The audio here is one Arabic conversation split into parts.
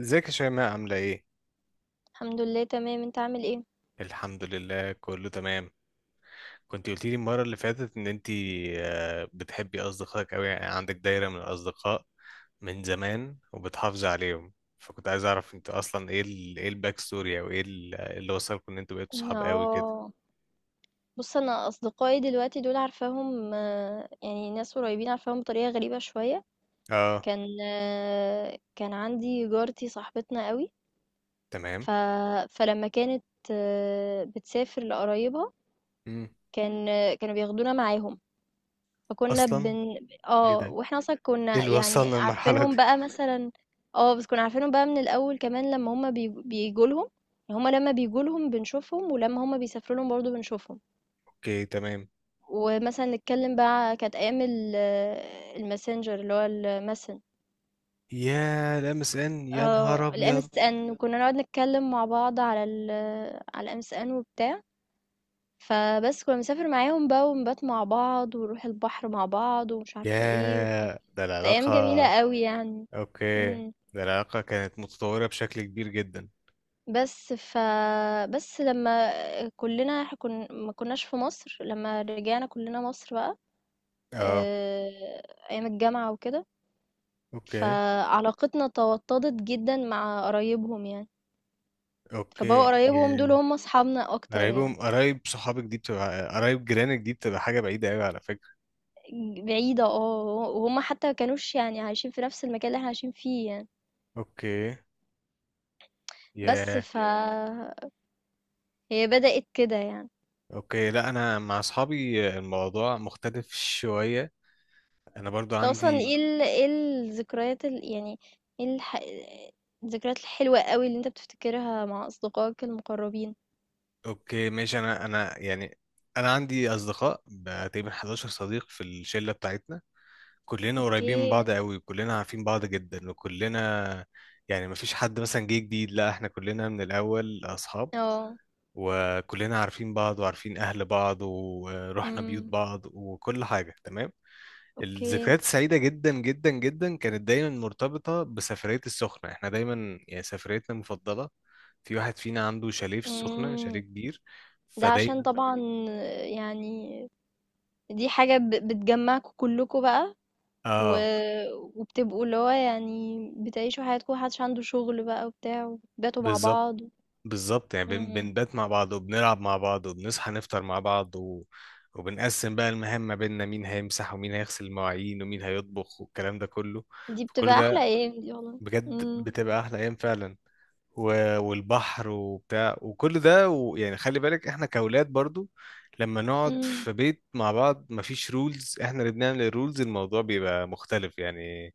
ازيك يا شيماء عاملة ايه؟ الحمد لله تمام، انت عامل ايه؟ الحمد لله كله تمام. كنت قلتي لي المرة اللي فاتت ان انتي، بتحبي اصدقائك اوي، يعني عندك دايرة من الاصدقاء من زمان وبتحافظي عليهم. فكنت عايز اعرف انت اصلا ايه الباك ستوري، او اللي وصلكم ان انتوا بقيتوا صحاب قوي كده. اه، بص، انا اصدقائي دلوقتي دول عارفاهم، يعني ناس قريبين عارفاهم بطريقه غريبه شويه. اه. كان عندي جارتي صاحبتنا قوي. تمام. ف... فلما كانت بتسافر لقرايبها، مم. كانوا بياخدونا معاهم. فكنا اصلا بن ايه ده؟ اه واحنا اصلا ايه كنا اللي يعني وصلنا للمرحلة دي؟ عارفينهم بقى مثلا. اه، بس كنا عارفينهم بقى من الاول كمان لما هما بيجوا لهم. هما لما بيجوا لهم بنشوفهم، ولما هما بيسافروا لهم برضه بنشوفهم. اوكي تمام. ومثلًا نتكلّم بقى. كانت أيام الMessenger، اللي هو يا لمس ان، يا نهار ابيض. الMSN، وكنّا نقعد نتكلّم مع بعض على الMSN وبتاع. فبس كنّا بنسافر معاهم بقى ونبات مع بعض ونروح البحر مع بعض ومش عارفة إيه وكده. يا ده كانت أيام العلاقة. جميلة أوي يعني. اوكي. إمم. ده العلاقة كانت متطورة بشكل كبير جدا. بس ف بس لمّا كُلّنا إح كن ما كناش في مصر، لمّا رجعنا كُلّنا مصر بقى. اه. آآ، أيام الجامعة وكده. اوكي. فعلاقتنا توطّدت جدًا مع قرايبهم يعني. اوكي فبقوا قرايبهم دول ياه. هم أصحابنا أكتر قرايبهم، يعني. قرايب صحابك دي بتبقى، قرايب جيرانك دي بتبقى حاجة بعيدة قوي على فكرة. بعيدة آه، و وهُم حتى ما كانوش يعني عايشين في نفس المكان اللي إحنا عايشين فيه يعني. اوكي. بس ياه! ياه. فهي بدأت كده يعني. اوكي، لا انا مع اصحابي الموضوع مختلف شوية. انا برضو أنت أصلًا عندي. إيه ال إيه الذكريات ال يعني إيه الح الذكريات الحلوة أوي اللي أنت بتفتكرها مع أصدقائك المقربين؟ اوكي ماشي. انا يعني، انا عندي اصدقاء بقى تقريبا 11 صديق في الشلة بتاعتنا. كلنا قريبين من أوكي. بعض قوي، كلنا عارفين بعض جدا، وكلنا يعني مفيش حد مثلا جه جديد، لا احنا كلنا من الأول أصحاب، آه. وكلنا عارفين بعض وعارفين أهل بعض ورحنا بيوت إمم. بعض وكل حاجة تمام. أوكي. الذكريات السعيدة جدا جدا جدا كانت دايما مرتبطة بسفرية السخنة، احنا دايما يعني سفريتنا المفضلة. في واحد فينا عنده شاليه في السخنة، شاليه إمم. كبير. ده عشان تمام. فدايما. طبعًا يعني دي حاجة بتجمعكوا كلكوا بقى. و... اه، وبتبقوا اللي هو يعني بتعيشوا حياتكم، محدش عنده شغل بقى وبتاع، وبتباتوا مع بالظبط. بعض. بالظبط يعني مم. بنبات مع بعض وبنلعب مع بعض وبنصحى نفطر مع بعض وبنقسم بقى المهام ما بيننا، مين هيمسح ومين هيغسل المواعين ومين هيطبخ والكلام ده كله. دي فكل بتبقى أحلى ده أيام دي والله. بجد مم. بتبقى أحلى أيام فعلا. والبحر وبتاع وكل ده، ويعني خلي بالك احنا كأولاد برضو، لما نقعد مم. في بيت مع بعض مفيش رولز، احنا اللي بنعمل الرولز، الموضوع بيبقى مختلف يعني.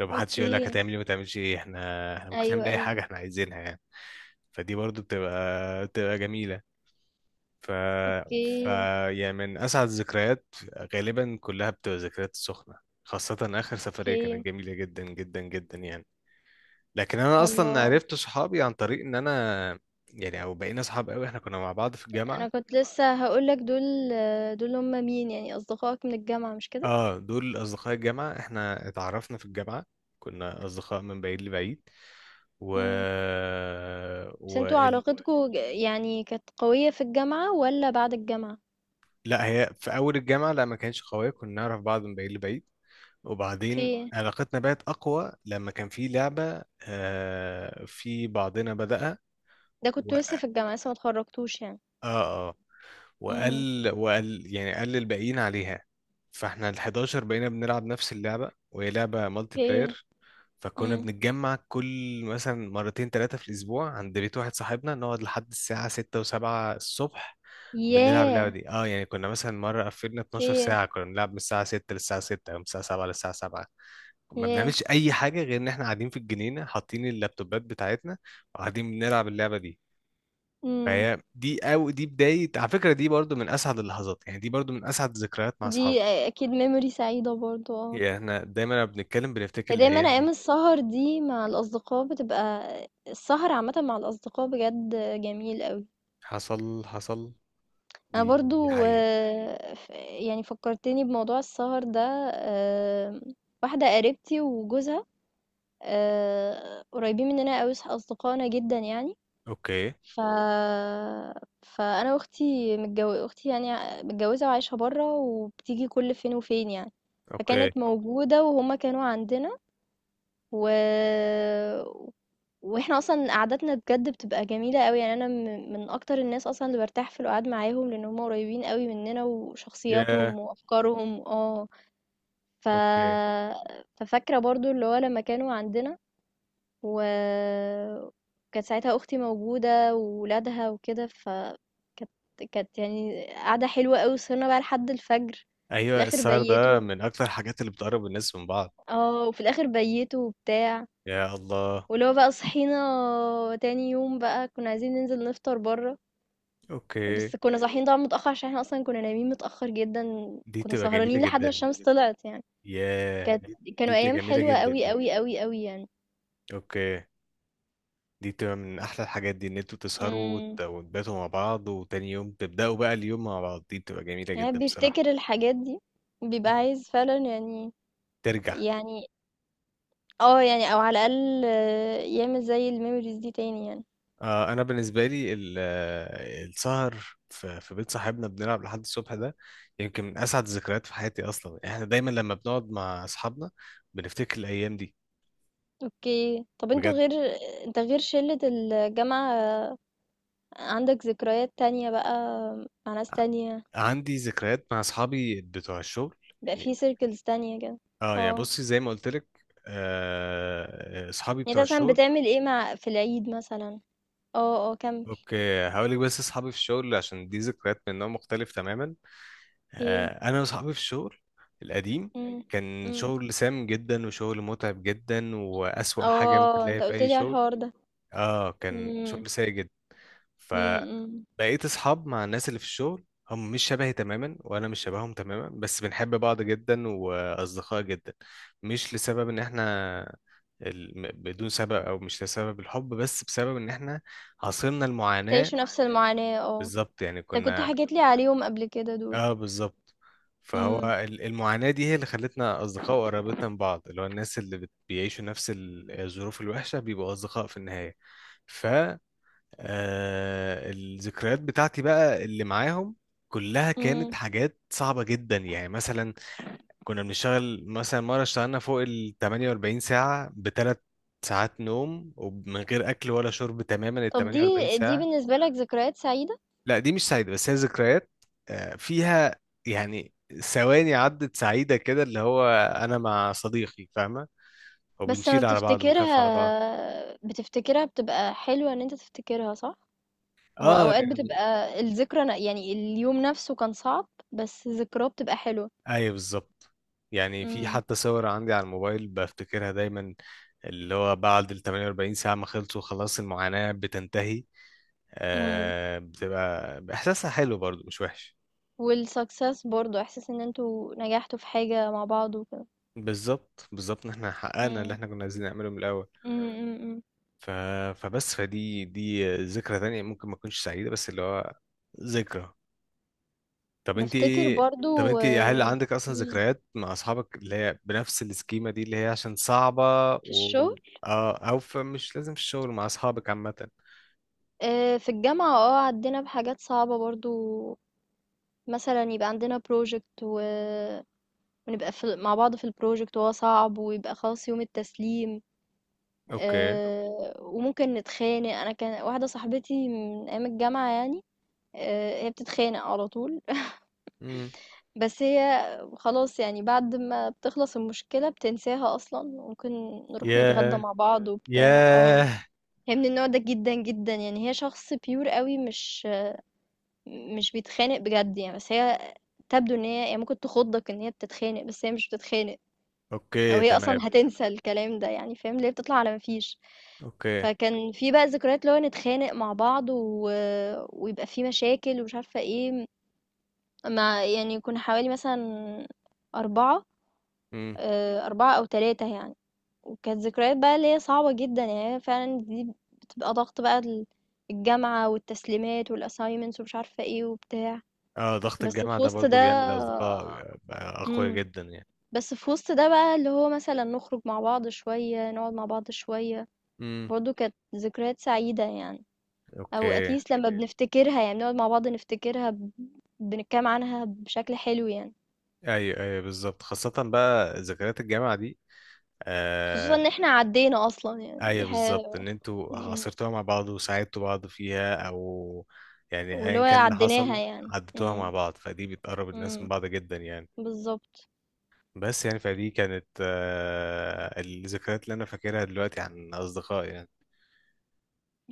لو محدش يقول لك أوكي. هتعمل ايه ما تعملش ايه، احنا ممكن أيوه نعمل اي أيوه. حاجة احنا عايزينها يعني. فدي برضو بتبقى جميلة. ف... ف أوكي. يعني من أسعد الذكريات غالبا كلها بتبقى ذكريات السخنة. خاصة آخر سفرية أوكي. كانت جميلة جدا جدا جدا يعني. لكن أنا أصلا الله. عرفت صحابي عن طريق إن أنا يعني، أو بقينا صحاب قوي، إحنا كنا مع بعض في الجامعة. أنا كنت لسه هقولك، دول دول هما مين يعني؟ أصدقائك من الجامعة مش كده؟ آه، دول أصدقاء الجامعة، إحنا اتعرفنا في الجامعة. كنا أصدقاء من بعيد لبعيد. و... مم. بس و... انتوا علاقتكوا يعني كانت قوية في الجامعة ولا بعد الجامعة؟ لا هي في أول الجامعة لا ما كانش قوية، كنا نعرف بعض من بعيد لبعيد، وبعدين أوكي. علاقتنا بقت أقوى لما كان في لعبة. آه، في بعضنا بدأها. ده و... كنت لسه في الجامعة، لسه ما اتخرجتوش يعني. آه. آه. إمم. وقال يعني، قال للباقيين عليها. فاحنا ال 11 بقينا بنلعب نفس اللعبة، وهي لعبة مالتي أوكي. بلاير. فكنا إمم. بنتجمع كل، مثلا، مرتين ثلاثة في الأسبوع عند بيت واحد صاحبنا، نقعد لحد الساعة 6 و7 الصبح بنلعب اللعبة ياه! دي. اه يعني كنا مثلا مرة قفلنا 12 أوكي. ساعة، كنا بنلعب من الساعة 6 للساعة 6 أو من الساعة 7 للساعة 7، ما ياه! بنعملش اي حاجه غير ان احنا قاعدين في الجنينه، حاطين اللابتوبات بتاعتنا وقاعدين بنلعب اللعبه دي. إمم. فهي دي او دي بدايه على فكره، دي برضو من اسعد اللحظات يعني، دي برضو من اسعد الذكريات مع اصحابي. دي أكيد memory سعيدة برضه آه. يعني احنا دايما لما بنتكلم بنفتكر هي دايمًا الايام أيام دي. السهر دي مع الأصدقاء بتبقى، السهر عامةً مع الأصدقاء بجد جميل أوي. حصل حصل، أنا دي برضه. حقيقة. ف يعني فكّرتني بموضوع السهر ده. آمم، واحدة قريبتي وجوزها قريبين مننا أوي، أصدقائنا جدًا يعني. اوكي ف فأنا وأختي، أختي يعني متجوزة وعايشة برّه، وبتيجي كل فين وفين يعني. اوكي. فكانت موجودة وهُم كانوا عندنا. و وإحنا أصلًا قعدتنا بجد بتبقى جميلة أوي، يعني أنا من أكتر الناس أصلًا اللي بارتاح في القعاد معاهم، لإن هُم قريبين أوي مننا يا. وشخصياتهم وأفكارهم آه. ف اوكي. ففاكرة برضه اللي هو لمّا كانوا عندنا، وكانت ساعتها أختي موجودة وولادها وكده. فكانت يعني قعدة حلوة أوي، وسهرنا بقى لحد الفجر. في ايوه، الآخر السهر ده بيتوا. من اكتر الحاجات اللي بتقرب الناس من بعض. اه وفي الآخر بيتوا وبتاع. يا الله. ولو بقى صحينا تاني يوم بقى، كنا عايزين ننزل نفطر برا، اوكي. بس كنا صاحيين طبعا متأخر، عشان احنا أصلا كنا نايمين متأخر جدا. دي كنا بتبقى جميله سهرانين لحد ما جدا. الشمس طلعت يعني. يا كانت دي، دي كانوا بتبقى أيام جميله حلوة جدا أوي دي. أوي أوي أوي يعني. اوكي. دي بتبقى من احلى الحاجات دي، ان انتوا تسهروا امم. وتباتوا مع بعض، وتاني يوم تبداوا بقى اليوم مع بعض. دي بتبقى جميله يعني جدا بصراحه. بيفتكر الحاجات دي، بيبقى مم. عايز فعلا يعني. ترجع. يعني اه يعني او على الاقل آه، يعمل زي الميموريز دي تاني يعني. آه، انا بالنسبه لي السهر في بيت صاحبنا بنلعب لحد الصبح ده، يمكن من اسعد الذكريات في حياتي اصلا. احنا دايما لما بنقعد مع اصحابنا بنفتكر الايام دي اوكي. طب انتوا بجد. غير انت غير شلة الجامعة آه، عندك ذكريات تانية بقى مع ناس ع- تانية، عندي ذكريات مع اصحابي بتوع الشغل بقى يعني. في سيركلز تانية كده؟ اه يعني، اه. بصي زي ما قلت لك، اصحابي يعني انت بتوع مثلا الشغل. بتعمل ايه مع، في العيد مثلا؟ اه اه كمل. اوكي هقول لك. بس اصحابي في الشغل عشان دي ذكريات من نوع مختلف تماما. ايه. انا واصحابي في الشغل القديم، امم. كان امم. شغل سام جدا وشغل متعب جدا، واسوأ حاجة ممكن اه تلاقيها انت في قلت اي لي على شغل. الحوار ده. اه، كان امم. شغل سيء جدا. فبقيت امم. اصحاب مع الناس اللي في الشغل. هم مش شبهي تماما وانا مش شبههم تماما، بس بنحب بعض جدا واصدقاء جدا. مش لسبب ان احنا، بدون سبب، او مش لسبب الحب، بس بسبب ان احنا عاصرنا المعاناة. تعيشوا نفس المعاناة اه. بالظبط يعني انت كنت كنا، حكيت لي عليهم قبل كده دول. اه بالظبط. فهو المعاناة دي هي اللي خلتنا أصدقاء وقربتنا من بعض، اللي هو الناس اللي بيعيشوا نفس الظروف الوحشة بيبقوا أصدقاء في النهاية. ف آه، الذكريات بتاعتي بقى اللي معاهم كلها كانت امم. حاجات صعبة جدا، يعني مثلا كنا بنشتغل، مثلا مرة اشتغلنا فوق ال 48 ساعة بثلاث ساعات نوم ومن غير أكل ولا شرب تماما ال طب 48. دي بالنسبة لك ذكريات سعيدة؟ لا دي مش سعيدة بس هي ذكريات فيها يعني ثواني عدت سعيدة كده، اللي هو أنا مع صديقي فاهمة، بس لما وبنشيل على بعض، بنخاف على بعض. بتفتكرها، بتفتكرها بتبقى حلوة ان انت تفتكرها صح. هو اه اوقات يعني. بتبقى الذكرى يعني اليوم نفسه كان صعب بس ذكراه بتبقى حلوة. أيوة بالظبط. يعني في امم. حتى صور عندي على الموبايل بفتكرها دايما، اللي هو بعد ال 48 ساعة ما خلصوا خلاص المعاناة بتنتهي، امم. آه بتبقى إحساسها حلو برضو مش وحش. والسكسس برضو، احساس ان انتوا نجحتوا في حاجة مع بعض وكده. بالظبط بالظبط، إن إحنا حققنا اللي امم. إحنا كنا عايزين نعمله من الأول. امم امم، امم. ف... فبس دي ذكرى تانية ممكن ما تكونش سعيدة، بس اللي هو ذكرى. طب انت بفتكر ايه، طب برضو انت هل آه. عندك اصلا مم. ذكريات مع اصحابك اللي هي بنفس السكيمة دي اللي هي عشان صعبة؟ في و... الشغل؟ اه، او فمش لازم في الشغل، مع اصحابك عامة. آه، في الجامعة اه عدينا بحاجات صعبة برضو. مثلا يبقى عندنا بروجكت، ونبقى في مع بعض في البروجكت وهو صعب، ويبقى خلاص يوم التسليم اوكي. آه، وممكن نتخانق. انا كان واحده صاحبتي من ايام الجامعه يعني آه، هي بتتخانق على طول. امم. بس هي خلاص يعني بعد ما بتخلص المشكله بتنساها اصلا. ممكن نروح نتغدى ياه مع بعض وبتاع اه. ياه. هي من النوع ده جدا جدا يعني. هي شخص بيور قوي، مش بيتخانق بجد يعني. بس هي تبدو ان هي يعني ممكن تخضك ان هي بتتخانق، بس هي مش بتتخانق. اوكي وهي أصلًا تمام. هتنسى الكلام ده يعني، فاهم، اللي هي بتطلع على ما فيش. اوكي. فكان في بقى ذكريات اللي هو نتخانق مع بعض، ويبقى في مشاكل ومش عارفة إيه، مع، يعني كنا حوالي مثلًا 4، امم. 4 أو 3 يعني. وكانت ذكريات بقى اللي هي صعبة جدًا، يعني هي فعلًا دي بتبقى ضغط بقى، الجامعة والتسليمات والassignments ومش عارفة إيه وبتاع. اه، ضغط بس الجامعة في ده وسط ده برضو بيعمل اصدقاء اقوياء إمم، جدا يعني. بس في وسط ده بقى اللي هو مثلًا نخرج مع بعض شوية، نقعد مع بعض شوية. امم. برضه كانت ذكريات سعيدة يعني. أو اوكي. اتليست لما بنفتكرها، يعني بنقعد مع بعض نفتكرها بنتكلم عنها بشكل حلو يعني. ايوه ايوه بالظبط، خاصة بقى ذكريات الجامعة دي. خصوصا آه. ان احنا عدينا اصلا، يعني ايوه دي بالظبط، حاجة. ان انتوا مم. عاصرتوها مع بعض وساعدتوا بعض فيها، او يعني ايا واللي هو كان اللي عديناها حصل يعني. عدتوها مع مم. بعض، فدي بتقرب الناس من مم. بعض جدا يعني. بالظبط. بس يعني فدي كانت الذكريات اللي انا فاكرها دلوقتي عن اصدقائي يعني.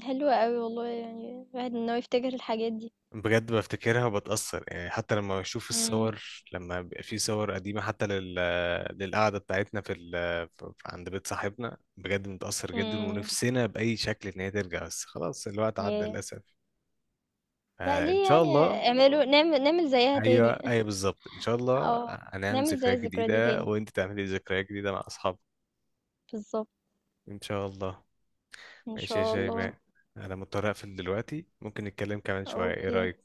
حلوة قوي والله، يعني الواحد ان هو يفتكر الحاجات دي. بجد بفتكرها وبتأثر يعني، حتى لما بشوف مم. الصور، لما بيبقى في صور قديمة، حتى للقعدة بتاعتنا عند بيت صاحبنا، بجد متأثر جدا، مم. ونفسنا بأي شكل إن هي ترجع بس خلاص الوقت عدى ياه. للأسف. لا آه، ان ليه شاء يعني؟ الله. اعملوا نعمل نعمل زيها ايوه تاني. ايوه بالظبط، ان شاء الله اه هنعمل نعمل زي ذكريات الذكرى دي جديده، تاني. وانت تعملي ذكريات جديده مع اصحابك. بالظبط. ان شاء الله. ان ماشي يا شاء الله. شيماء، انا مضطر اقفل دلوقتي، ممكن نتكلم كمان شويه، ايه اوكي رايك؟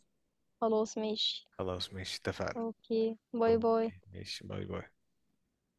خلاص ماشي. خلاص ماشي اتفقنا. أوكي، باي باي. اوكي ماشي باي باي.